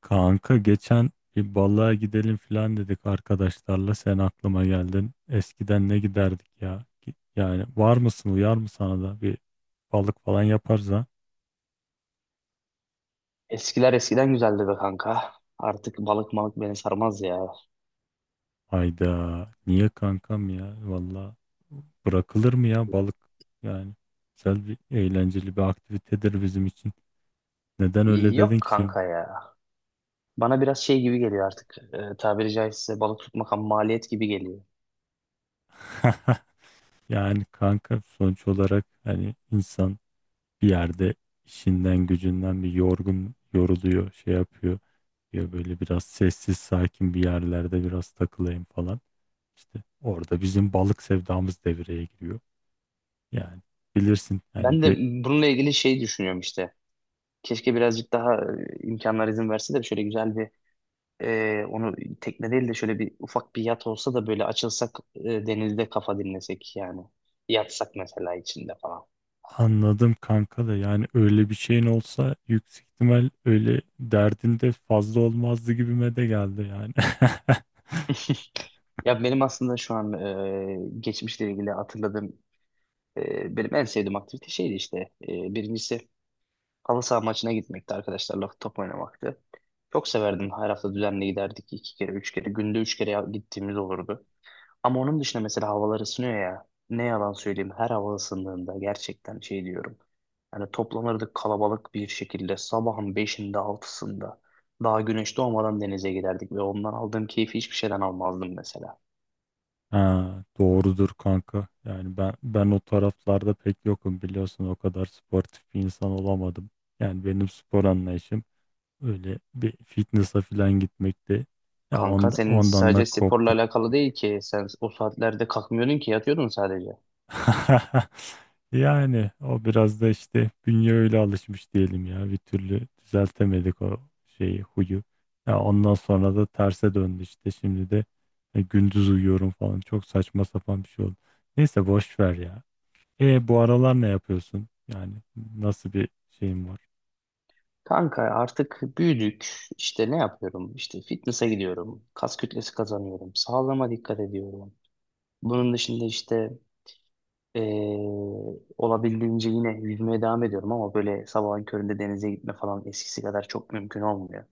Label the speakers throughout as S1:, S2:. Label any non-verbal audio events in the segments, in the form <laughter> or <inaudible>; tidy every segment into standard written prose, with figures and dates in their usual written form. S1: Kanka geçen bir balığa gidelim falan dedik arkadaşlarla. Sen aklıma geldin. Eskiden ne giderdik ya? Yani var mısın, uyar mı sana da bir balık falan yaparız, ha?
S2: Eskiler eskiden güzeldi be kanka. Artık balık malık beni sarmaz ya.
S1: Hayda, niye kankam ya? Valla bırakılır mı ya balık? Yani güzel bir, eğlenceli bir aktivitedir bizim için. Neden öyle
S2: Yok
S1: dedin ki şimdi?
S2: kanka ya. Bana biraz şey gibi geliyor artık. Tabiri caizse balık tutmak ham maliyet gibi geliyor.
S1: <laughs> Yani kanka sonuç olarak hani insan bir yerde işinden gücünden bir yorgun yoruluyor, şey yapıyor. Ya böyle biraz sessiz sakin bir yerlerde biraz takılayım falan. İşte orada bizim balık sevdamız devreye giriyor. Yani bilirsin yani
S2: Ben de bununla ilgili şey düşünüyorum işte. Keşke birazcık daha imkanlar izin verse de şöyle güzel bir onu tekne değil de şöyle bir ufak bir yat olsa da böyle açılsak, denizde kafa dinlesek yani. Yatsak mesela içinde falan.
S1: anladım kanka, da yani öyle bir şeyin olsa yüksek ihtimal öyle derdinde fazla olmazdı gibime de geldi yani. <laughs>
S2: Ya benim aslında şu an geçmişle ilgili hatırladığım, benim en sevdiğim aktivite şeydi işte. Birincisi halı saha maçına gitmekti, arkadaşlarla top oynamaktı. Çok severdim. Her hafta düzenli giderdik. İki kere, üç kere. Günde üç kere gittiğimiz olurdu. Ama onun dışında mesela havalar ısınıyor ya. Ne yalan söyleyeyim. Her hava ısındığında gerçekten şey diyorum. Yani toplanırdık kalabalık bir şekilde. Sabahın beşinde, altısında. Daha güneş doğmadan denize giderdik. Ve ondan aldığım keyfi hiçbir şeyden almazdım mesela.
S1: Ha, doğrudur kanka. Yani ben o taraflarda pek yokum, biliyorsun. O kadar sportif bir insan olamadım. Yani benim spor anlayışım öyle bir fitness'a falan gitmekte. Ya
S2: Kanka
S1: ondan,
S2: senin
S1: ondan da
S2: sadece sporla
S1: koptuk.
S2: alakalı değil ki. Sen o saatlerde kalkmıyordun ki, yatıyordun sadece.
S1: <laughs> Yani o biraz da işte bünye öyle alışmış diyelim ya. Bir türlü düzeltemedik o şeyi, huyu. Ya ondan sonra da terse döndü işte. Şimdi de gündüz uyuyorum falan. Çok saçma sapan bir şey oldu. Neyse, boş ver ya. E, bu aralar ne yapıyorsun? Yani nasıl bir şeyin var?
S2: Kanka artık büyüdük. İşte ne yapıyorum? İşte fitness'a gidiyorum. Kas kütlesi kazanıyorum. Sağlığıma dikkat ediyorum. Bunun dışında işte eee, olabildiğince yine yüzmeye devam ediyorum, ama böyle sabahın köründe denize gitme falan eskisi kadar çok mümkün olmuyor.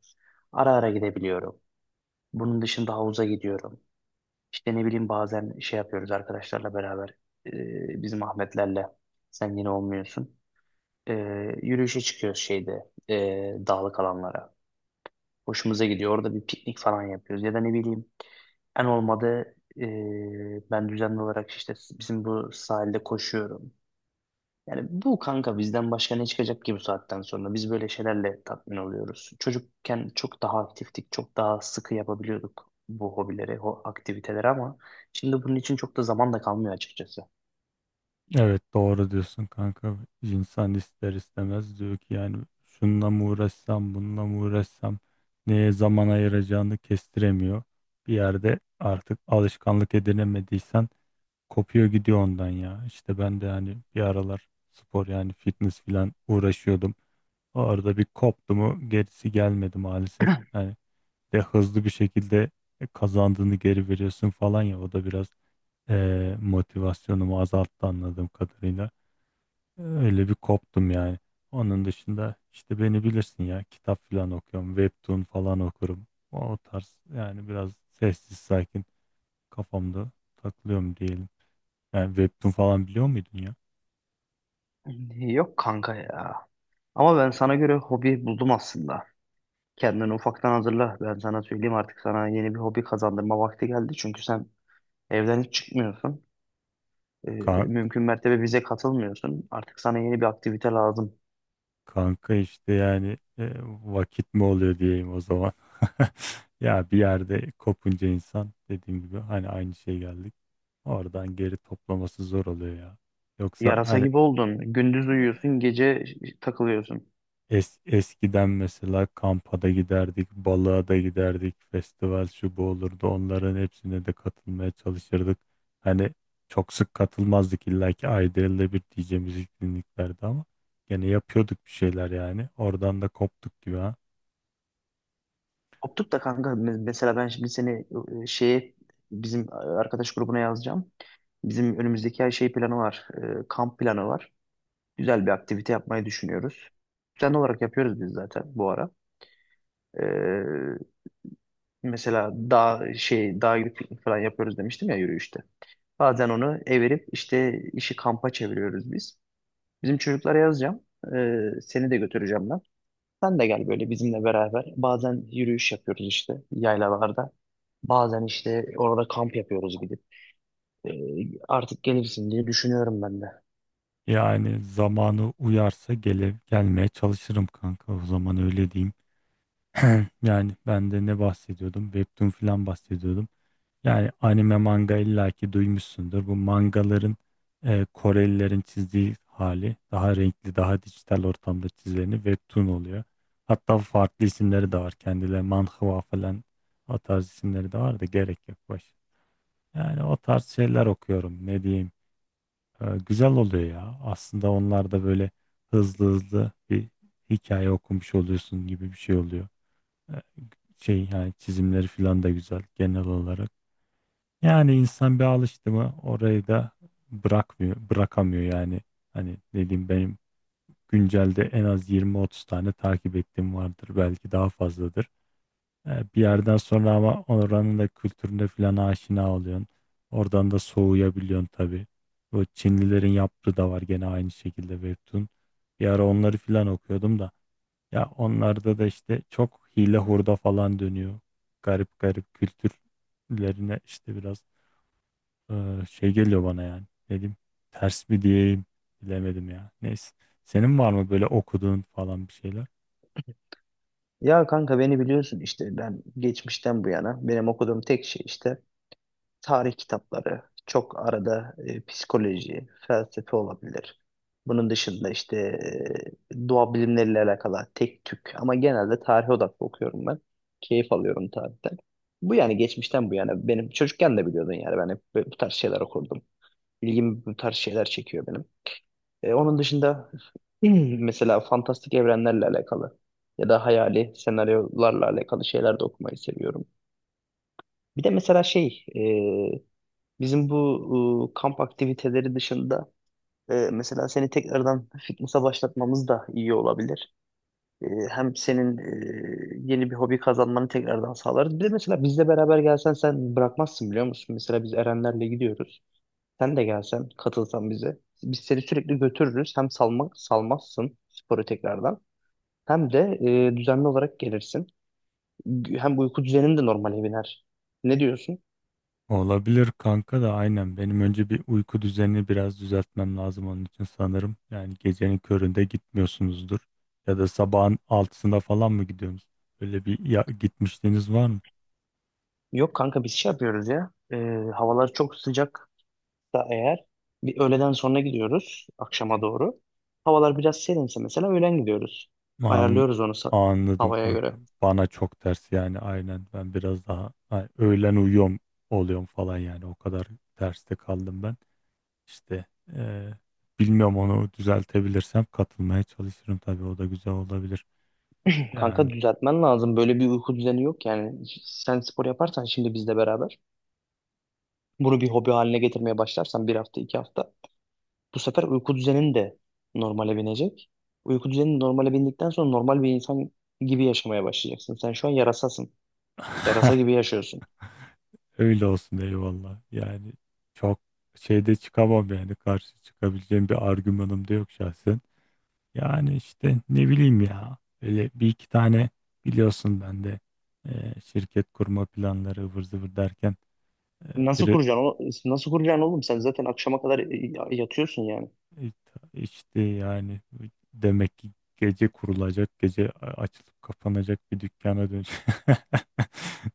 S2: Ara ara gidebiliyorum. Bunun dışında havuza gidiyorum. İşte ne bileyim, bazen şey yapıyoruz arkadaşlarla beraber. Bizim Ahmetlerle. Sen yine olmuyorsun. Yürüyüşe çıkıyoruz şeyde, dağlık alanlara. Hoşumuza gidiyor. Orada bir piknik falan yapıyoruz. Ya da ne bileyim, en olmadı, ben düzenli olarak işte bizim bu sahilde koşuyorum. Yani bu kanka bizden başka ne çıkacak ki bu saatten sonra? Biz böyle şeylerle tatmin oluyoruz. Çocukken çok daha aktiftik, çok daha sıkı yapabiliyorduk bu hobileri, o aktiviteleri, ama şimdi bunun için çok da zaman da kalmıyor açıkçası.
S1: Evet, doğru diyorsun kanka. İnsan ister istemez diyor ki yani şununla mı uğraşsam, bununla mı uğraşsam, neye zaman ayıracağını kestiremiyor. Bir yerde artık alışkanlık edinemediysen kopuyor, gidiyor ondan ya. İşte ben de hani bir aralar spor, yani fitness filan uğraşıyordum. O arada bir koptu mu gerisi gelmedi maalesef. Yani de hızlı bir şekilde kazandığını geri veriyorsun falan ya, o da biraz motivasyonumu azalttı anladığım kadarıyla. Öyle bir koptum yani. Onun dışında işte beni bilirsin ya, kitap falan okuyorum. Webtoon falan okurum. O tarz yani, biraz sessiz sakin kafamda takılıyorum diyelim. Yani Webtoon falan biliyor muydun ya?
S2: Yok kanka ya. Ama ben sana göre hobi buldum aslında. Kendini ufaktan hazırla. Ben sana söyleyeyim, artık sana yeni bir hobi kazandırma vakti geldi. Çünkü sen evden hiç çıkmıyorsun. Ee,
S1: Ka-
S2: Mümkün mertebe bize katılmıyorsun. Artık sana yeni bir aktivite lazım.
S1: Kanka işte yani vakit mi oluyor diyeyim o zaman. <laughs> Ya bir yerde kopunca insan dediğim gibi hani aynı şey geldik. Oradan geri toplaması zor oluyor ya. Yoksa
S2: Yarasa
S1: hani
S2: gibi oldun. Gündüz
S1: e,
S2: uyuyorsun, gece takılıyorsun.
S1: Eskiden mesela kampa da giderdik, balığa da giderdik, festival şu bu olurdu. Onların hepsine de katılmaya çalışırdık. Hani çok sık katılmazdık, illa ki ayda yılda bir diyeceğimiz etkinliklerdi ama gene yapıyorduk bir şeyler yani. Oradan da koptuk gibi ha.
S2: Koptuk da kanka, mesela ben şimdi seni şeye, bizim arkadaş grubuna yazacağım. Bizim önümüzdeki ay şey planı var. Kamp planı var. Güzel bir aktivite yapmayı düşünüyoruz. Düzenli olarak yapıyoruz biz zaten bu ara. E, Mesela dağ şey dağ gidip piknik falan yapıyoruz demiştim ya yürüyüşte. Bazen onu evirip işte işi kampa çeviriyoruz biz. Bizim çocuklara yazacağım. Seni de götüreceğim ben. Sen de gel böyle bizimle beraber. Bazen yürüyüş yapıyoruz işte yaylalarda. Bazen işte orada kamp yapıyoruz gidip. Artık gelirsin diye düşünüyorum ben de.
S1: Yani zamanı uyarsa gelmeye çalışırım kanka, o zaman öyle diyeyim. <clears throat> Yani ben de ne bahsediyordum? Webtoon falan bahsediyordum. Yani anime, manga illaki duymuşsundur. Bu mangaların Korelilerin çizdiği hali, daha renkli, daha dijital ortamda çizileni webtoon oluyor. Hatta farklı isimleri de var. Kendileri manhwa falan, o tarz isimleri de var da gerek yok baş. Yani o tarz şeyler okuyorum. Ne diyeyim? E, güzel oluyor ya. Aslında onlar da böyle hızlı hızlı bir hikaye okumuş oluyorsun gibi bir şey oluyor. E, şey yani çizimleri falan da güzel genel olarak. Yani insan bir alıştı mı orayı da bırakmıyor, bırakamıyor yani. Hani dediğim, benim güncelde en az 20-30 tane takip ettiğim vardır. Belki daha fazladır. Bir yerden sonra ama oranın da kültürüne falan aşina oluyorsun. Oradan da soğuyabiliyorsun tabii. Bu Çinlilerin yaptığı da var gene aynı şekilde Webtoon. Bir ara onları falan okuyordum da. Ya onlarda da işte çok hile hurda falan dönüyor. Garip garip kültürlerine işte biraz şey geliyor bana yani. Dedim ters mi diyeyim, bilemedim ya. Neyse. Senin var mı böyle okuduğun falan bir şeyler?
S2: Ya kanka, beni biliyorsun işte, ben geçmişten bu yana benim okuduğum tek şey işte tarih kitapları, çok arada psikoloji, felsefe olabilir. Bunun dışında işte doğa bilimleriyle alakalı tek tük, ama genelde tarihe odaklı okuyorum ben. Keyif alıyorum tarihten. Bu yani geçmişten bu yana benim, çocukken de biliyordun yani, ben hep bu bu tarz şeyler okurdum. İlgimi bu tarz şeyler çekiyor benim. Onun dışında <clears throat> mesela fantastik evrenlerle alakalı ya da hayali senaryolarla alakalı şeyler de okumayı seviyorum. Bir de mesela şey bizim bu kamp aktiviteleri dışında, mesela seni tekrardan fitness'a başlatmamız da iyi olabilir. Hem senin yeni bir hobi kazanmanı tekrardan sağlarız. Bir de mesela bizle beraber gelsen sen bırakmazsın biliyor musun? Mesela biz Erenlerle gidiyoruz. Sen de gelsen, katılsan bize. Biz seni sürekli götürürüz. Hem salmak salmazsın sporu tekrardan. Hem de düzenli olarak gelirsin. Hem uyku düzenin de normale biner. Ne diyorsun?
S1: Olabilir kanka, da aynen. Benim önce bir uyku düzenini biraz düzeltmem lazım onun için sanırım. Yani gecenin köründe gitmiyorsunuzdur. Ya da sabahın altısında falan mı gidiyorsunuz? Öyle bir ya, gitmişliğiniz var mı?
S2: Yok kanka, biz şey yapıyoruz ya. Havalar çok sıcak. Da eğer bir öğleden sonra gidiyoruz akşama doğru. Havalar biraz serinse mesela öğlen gidiyoruz.
S1: An,
S2: Ayarlıyoruz onu
S1: anladım
S2: havaya
S1: kanka.
S2: göre.
S1: Bana çok ters yani aynen. Ben biraz daha öğlen uyuyorum oluyorum falan yani. O kadar terste kaldım ben. İşte eee, bilmiyorum, onu düzeltebilirsem katılmaya çalışırım tabii, o da güzel olabilir. Yani
S2: Kanka, düzeltmen lazım. Böyle bir uyku düzeni yok yani. Sen spor yaparsan şimdi bizle beraber, bunu bir hobi haline getirmeye başlarsan bir hafta iki hafta, bu sefer uyku düzenin de normale binecek. Uyku düzenin normale bindikten sonra normal bir insan gibi yaşamaya başlayacaksın. Sen şu an yarasasın. Yarasa gibi
S1: <laughs>
S2: yaşıyorsun.
S1: öyle olsun, eyvallah. Yani çok şeyde çıkamam yani, karşı çıkabileceğim bir argümanım da yok şahsen. Yani işte ne bileyim ya, öyle bir iki tane biliyorsun, ben de şirket kurma planları ıvır zıvır derken
S2: Nasıl kuracaksın? Nasıl kuracaksın oğlum? Sen zaten akşama kadar yatıyorsun yani.
S1: İ- İşte yani demek ki gece kurulacak, açılıp kapanacak bir dükkana dönecek. <laughs>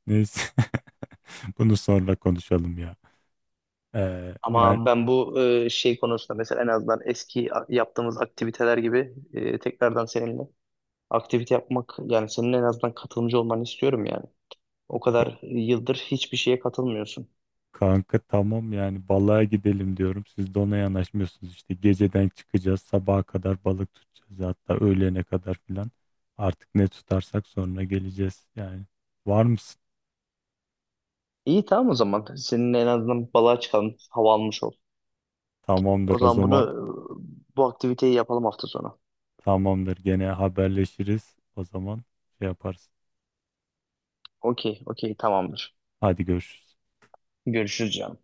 S1: Neyse. <laughs> Bunu sonra konuşalım ya. Yani
S2: Ama ben bu şey konusunda mesela en azından eski yaptığımız aktiviteler gibi, tekrardan seninle aktivite yapmak, yani senin en azından katılımcı olmanı istiyorum yani. O
S1: k-
S2: kadar yıldır hiçbir şeye katılmıyorsun.
S1: kanka tamam, yani balığa gidelim diyorum. Siz de ona yanaşmıyorsunuz işte. Geceden çıkacağız, sabaha kadar balık tutacağız, hatta öğlene kadar filan. Artık ne tutarsak sonra geleceğiz yani. Var mısın?
S2: İyi, tamam o zaman. Seninle en azından balığa çıkalım. Hava almış ol. O
S1: Tamamdır o
S2: zaman bunu
S1: zaman.
S2: bu aktiviteyi yapalım hafta sonu.
S1: Tamamdır. Gene haberleşiriz. O zaman şey yaparsın.
S2: Okey, okey, tamamdır.
S1: Hadi, görüşürüz.
S2: Görüşürüz canım.